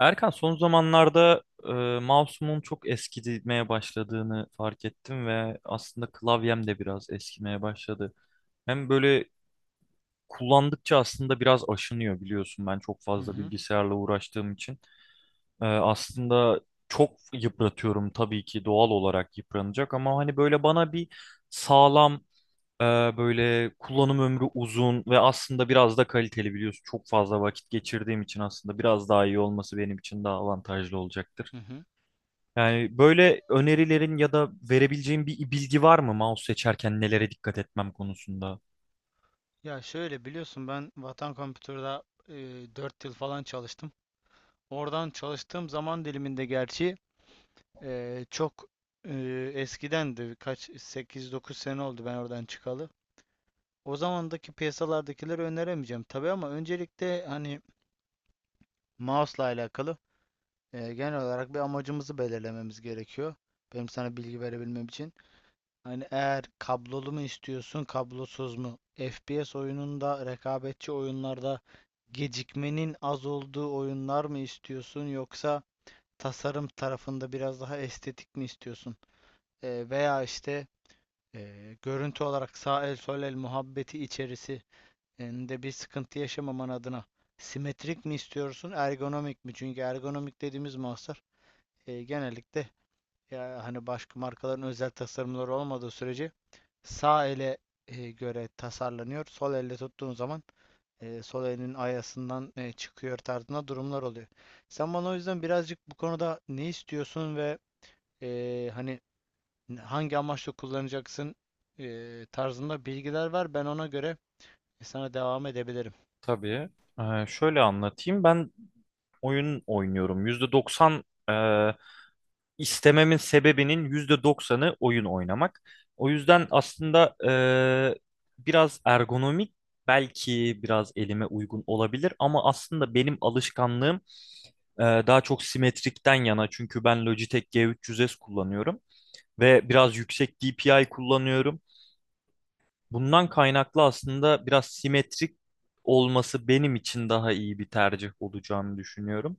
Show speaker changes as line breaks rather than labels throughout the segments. Erkan son zamanlarda e, mouse'umun çok eskimeye başladığını fark ettim ve aslında klavyem de biraz eskimeye başladı. Hem böyle kullandıkça aslında biraz aşınıyor, biliyorsun, ben çok
Hı
fazla
hı,
bilgisayarla uğraştığım için. Aslında çok yıpratıyorum, tabii ki doğal olarak yıpranacak ama hani böyle bana bir sağlam, e, böyle kullanım ömrü uzun ve aslında biraz da kaliteli, biliyorsun. Çok fazla vakit geçirdiğim için aslında biraz daha iyi olması benim için daha avantajlı olacaktır.
hı hı.
Yani böyle önerilerin ya da verebileceğin bir bilgi var mı mouse seçerken nelere dikkat etmem konusunda?
Ya şöyle biliyorsun ben Vatan Kompütür'de 4 yıl falan çalıştım. Oradan çalıştığım zaman diliminde gerçi çok e, eskidendi. Kaç sekiz dokuz sene oldu ben oradan çıkalı. O zamandaki piyasalardakileri öneremeyeceğim tabii ama öncelikle hani mouse'la alakalı genel olarak bir amacımızı belirlememiz gerekiyor. Benim sana bilgi verebilmem için. Hani eğer kablolu mu istiyorsun, kablosuz mu? FPS oyununda, rekabetçi oyunlarda gecikmenin az olduğu oyunlar mı istiyorsun yoksa tasarım tarafında biraz daha estetik mi istiyorsun? Veya işte görüntü olarak sağ el sol el muhabbeti içerisinde bir sıkıntı yaşamaman adına simetrik mi istiyorsun, ergonomik mi? Çünkü ergonomik dediğimiz mahsur genellikle ya hani başka markaların özel tasarımları olmadığı sürece sağ ele göre tasarlanıyor. Sol elle tuttuğun zaman sol elinin ayasından çıkıyor tarzında durumlar oluyor. Sen bana o yüzden birazcık bu konuda ne istiyorsun ve hani hangi amaçla kullanacaksın tarzında bilgiler ver. Ben ona göre sana devam edebilirim.
Tabii. Şöyle anlatayım. Ben oyun oynuyorum. %90 e, istememin sebebinin %90'ı oyun oynamak. O yüzden aslında biraz ergonomik belki biraz elime uygun olabilir, ama aslında benim alışkanlığım daha çok simetrikten yana, çünkü ben Logitech G300S kullanıyorum. Ve biraz yüksek DPI kullanıyorum. Bundan kaynaklı aslında biraz simetrik olması benim için daha iyi bir tercih olacağını düşünüyorum.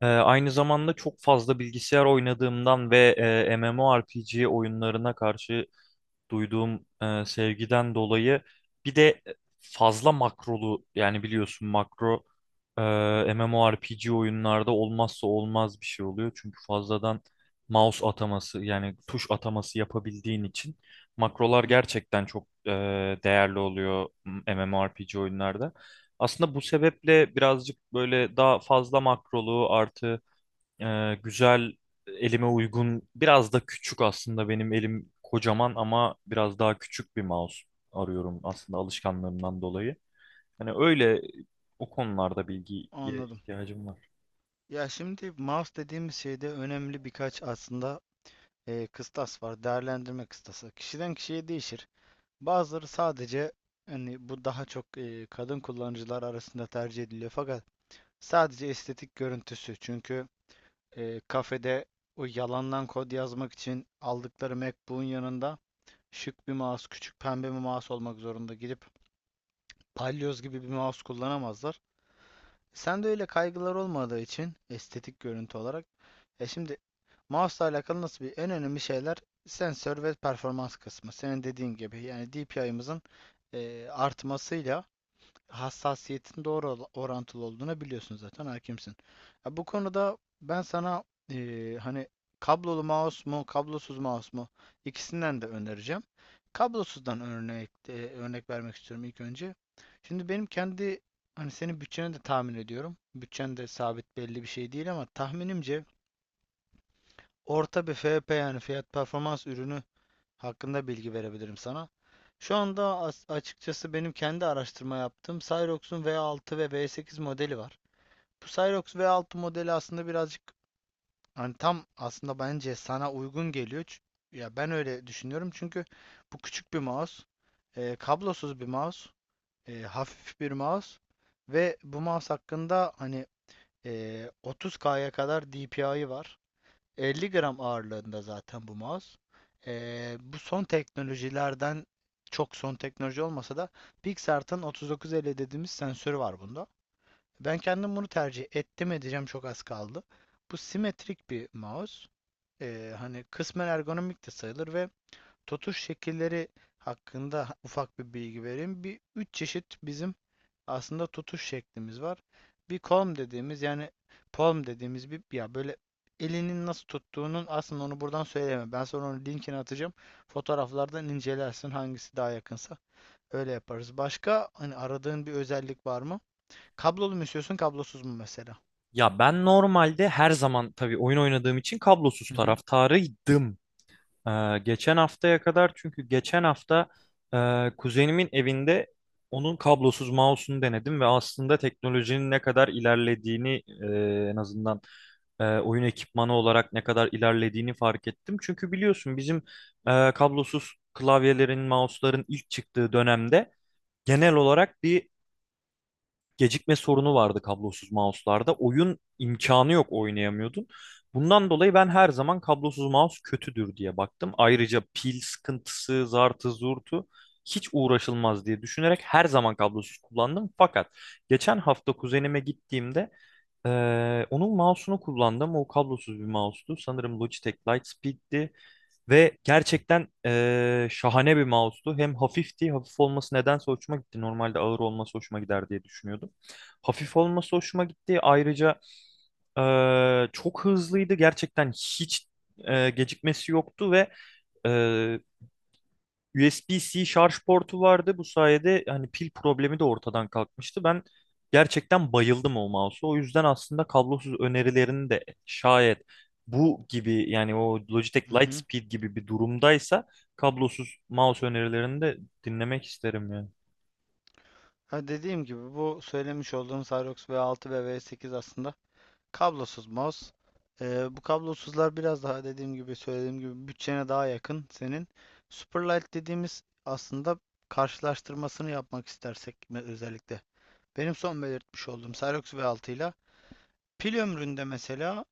Aynı zamanda çok fazla bilgisayar oynadığımdan ve MMORPG oyunlarına karşı duyduğum sevgiden dolayı bir de fazla makrolu, yani biliyorsun, makro e, MMORPG oyunlarda olmazsa olmaz bir şey oluyor. Çünkü fazladan mouse ataması, yani tuş ataması yapabildiğin için
Hı
makrolar
hı.
gerçekten çok değerli oluyor MMORPG oyunlarda. Aslında bu sebeple birazcık böyle daha fazla makrolu, artı güzel, elime uygun, biraz da küçük, aslında benim elim kocaman ama biraz daha küçük bir mouse arıyorum aslında alışkanlığımdan dolayı. Hani öyle o konularda bilgiye
Anladım.
ihtiyacım var.
Ya şimdi mouse dediğimiz şeyde önemli birkaç aslında kıstas var. Değerlendirme kıstası. Kişiden kişiye değişir. Bazıları sadece hani bu daha çok kadın kullanıcılar arasında tercih ediliyor fakat sadece estetik görüntüsü. Çünkü kafede o yalandan kod yazmak için aldıkları MacBook'un yanında şık bir mouse, küçük pembe bir mouse olmak zorunda. Gidip palyoz gibi bir mouse kullanamazlar. Sende öyle kaygılar olmadığı için estetik görüntü olarak. Şimdi mouse'la alakalı nasıl bir en önemli şeyler sensör ve performans kısmı. Senin dediğin gibi yani DPI'mızın artmasıyla hassasiyetin doğru orantılı olduğunu biliyorsun zaten hakimsin. Ya bu konuda ben sana hani kablolu mouse mu kablosuz mouse mu ikisinden de önereceğim. Kablosuzdan örnek vermek istiyorum ilk önce. Şimdi benim kendi hani senin bütçeni de tahmin ediyorum. Bütçen de sabit belli bir şey değil ama tahminimce orta bir FP yani fiyat performans ürünü hakkında bilgi verebilirim sana. Şu anda açıkçası benim kendi araştırma yaptığım Cyrox'un V6 ve V8 modeli var. Bu Cyrox V6 modeli aslında birazcık hani tam aslında bence sana uygun geliyor. Ya ben öyle düşünüyorum çünkü bu küçük bir mouse, kablosuz bir mouse, hafif bir mouse ve bu mouse hakkında hani 30K'ya kadar DPI'ı var. 50 gram ağırlığında zaten bu mouse. Bu son teknolojilerden çok son teknoloji olmasa da Pixart'ın 3950 dediğimiz sensörü var bunda. Ben kendim bunu tercih ettim edeceğim çok az kaldı. Bu simetrik bir mouse. Hani kısmen ergonomik de sayılır ve tutuş şekilleri hakkında ufak bir bilgi vereyim. Bir üç çeşit bizim aslında tutuş şeklimiz var. Bir palm dediğimiz yani palm dediğimiz bir ya böyle elinin nasıl tuttuğunun aslında onu buradan söyleyemem. Ben sonra onun linkini atacağım. Fotoğraflardan incelersin hangisi daha yakınsa. Öyle yaparız. Başka hani aradığın bir özellik var mı? Kablolu mu istiyorsun, kablosuz mu mesela?
Ya ben normalde her zaman, tabii oyun oynadığım için, kablosuz
Hı hı.
taraftarıydım. Geçen haftaya kadar, çünkü geçen hafta kuzenimin evinde onun kablosuz mouse'unu denedim ve aslında teknolojinin ne kadar ilerlediğini, en azından oyun ekipmanı olarak ne kadar ilerlediğini fark ettim. Çünkü biliyorsun bizim kablosuz klavyelerin, mouse'ların ilk çıktığı dönemde genel olarak bir gecikme sorunu vardı kablosuz mouse'larda. Oyun imkanı yok, oynayamıyordun. Bundan dolayı ben her zaman kablosuz mouse kötüdür diye baktım. Ayrıca pil sıkıntısı, zartı, zurtu hiç uğraşılmaz diye düşünerek her zaman kablosuz kullandım. Fakat geçen hafta kuzenime gittiğimde onun mouse'unu kullandım. O kablosuz bir mouse'tu. Sanırım Logitech Lightspeed'ti. Ve gerçekten şahane bir mouse'tu. Hem hafifti, hafif olması nedense hoşuma gitti. Normalde ağır olması hoşuma gider diye düşünüyordum. Hafif olması hoşuma gitti. Ayrıca çok hızlıydı. Gerçekten hiç gecikmesi yoktu ve eee, USB-C şarj portu vardı. Bu sayede hani pil problemi de ortadan kalkmıştı. Ben gerçekten bayıldım o mouse'a. O yüzden aslında kablosuz önerilerini de, şayet bu gibi, yani o Logitech
Hı hı.
Lightspeed gibi bir durumdaysa, kablosuz mouse önerilerini de dinlemek isterim yani.
Ha dediğim gibi bu söylemiş olduğum Cyrox V6 ve V8 aslında kablosuz mouse. Bu kablosuzlar biraz daha dediğim gibi söylediğim gibi bütçene daha yakın senin. Superlight dediğimiz aslında karşılaştırmasını yapmak istersek özellikle. Benim son belirtmiş olduğum Cyrox V6 ile pil ömründe mesela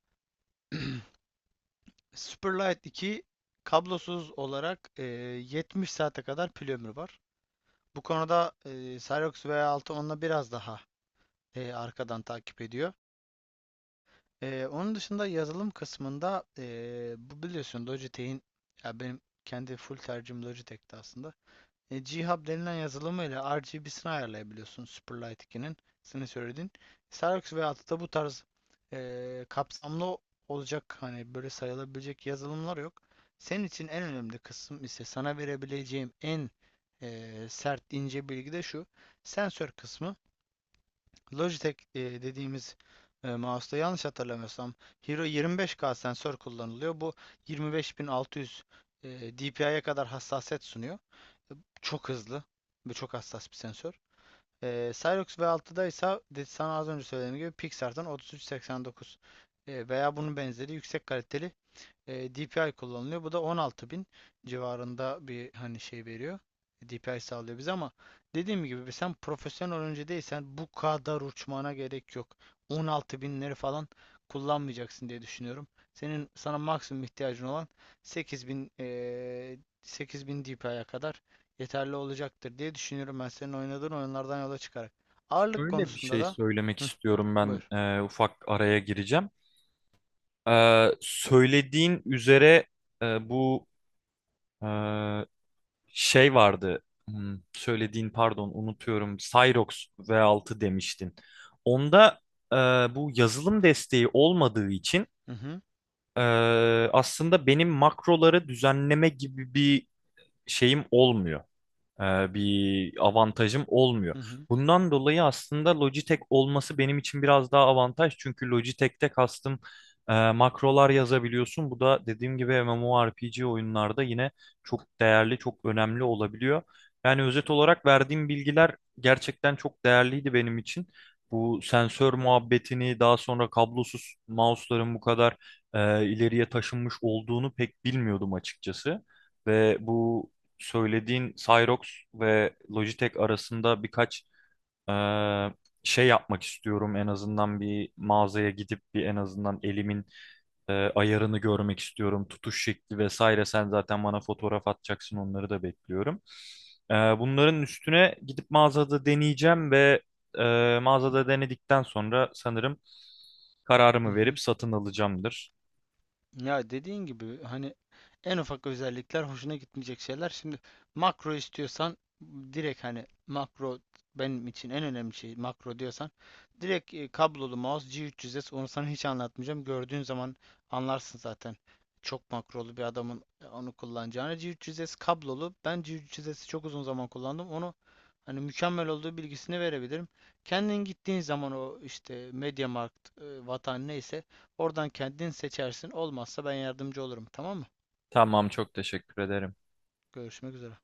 Superlight 2 kablosuz olarak 70 saate kadar pil ömrü var. Bu konuda Cyrox V6 onunla biraz daha arkadan takip ediyor. Onun dışında yazılım kısmında bu biliyorsun Logitech'in ya benim kendi full tercihim Logitech'ti aslında. G-Hub denilen yazılımıyla RGB'sini ayarlayabiliyorsun Superlight 2'nin. Senin söylediğin. Xerox ve da bu tarz kapsamlı olacak hani böyle sayılabilecek yazılımlar yok. Senin için en önemli kısım ise sana verebileceğim en sert ince bilgi de şu. Sensör kısmı. Logitech dediğimiz mouse'da yanlış hatırlamıyorsam Hero 25K sensör kullanılıyor. Bu 25.600 DPI'ye kadar hassasiyet sunuyor. E, Çok hızlı ve çok hassas bir sensör. Cyrox V6'da ise sana az önce söylediğim gibi Pixar'dan 3389 veya bunun benzeri yüksek kaliteli DPI kullanılıyor. Bu da 16.000 civarında bir hani şey veriyor. DPI sağlıyor bize ama dediğim gibi sen profesyonel oyuncu değilsen bu kadar uçmana gerek yok. On altı binleri falan kullanmayacaksın diye düşünüyorum. Senin sana maksimum ihtiyacın olan 8.000 8.000 DPI'ye kadar yeterli olacaktır diye düşünüyorum ben senin oynadığın oyunlardan yola çıkarak. Ağırlık
Şöyle bir
konusunda
şey
da.
söylemek
Hı,
istiyorum, ben
buyur.
ufak araya gireceğim. Söylediğin üzere bu e, şey vardı. Söylediğin, pardon, unutuyorum. Cyrox V6 demiştin. Onda e, bu yazılım desteği olmadığı için
Hı hı,
e, aslında benim makroları düzenleme gibi bir şeyim olmuyor, bir avantajım olmuyor.
hı hı,
Bundan dolayı aslında Logitech olması benim için biraz daha avantaj. Çünkü Logitech'te kastım, makrolar yazabiliyorsun. Bu da dediğim gibi MMORPG oyunlarda yine çok değerli, çok önemli olabiliyor. Yani özet olarak verdiğim bilgiler gerçekten çok değerliydi benim için. Bu sensör muhabbetini, daha sonra kablosuz mouse'ların bu kadar ileriye taşınmış olduğunu pek bilmiyordum açıkçası. Ve bu söylediğin Cyrox ve Logitech arasında birkaç eee, şey yapmak istiyorum. En azından bir mağazaya gidip bir, en azından elimin ayarını görmek istiyorum. Tutuş şekli vesaire. Sen zaten bana fotoğraf atacaksın. Onları da bekliyorum. Bunların üstüne gidip mağazada deneyeceğim ve mağazada denedikten sonra sanırım
hı
kararımı
hı.
verip satın alacağımdır.
Ya dediğin gibi hani en ufak özellikler hoşuna gitmeyecek şeyler. Şimdi makro istiyorsan direkt hani makro benim için en önemli şey makro diyorsan direkt kablolu mouse G300S onu sana hiç anlatmayacağım. Gördüğün zaman anlarsın zaten çok makrolu bir adamın onu kullanacağını. G300S kablolu. Ben G300S'i çok uzun zaman kullandım. Onu hani mükemmel olduğu bilgisini verebilirim. Kendin gittiğin zaman o işte MediaMarkt, Vatan neyse oradan kendin seçersin. Olmazsa ben yardımcı olurum. Tamam mı?
Tamam, çok teşekkür ederim.
Görüşmek üzere.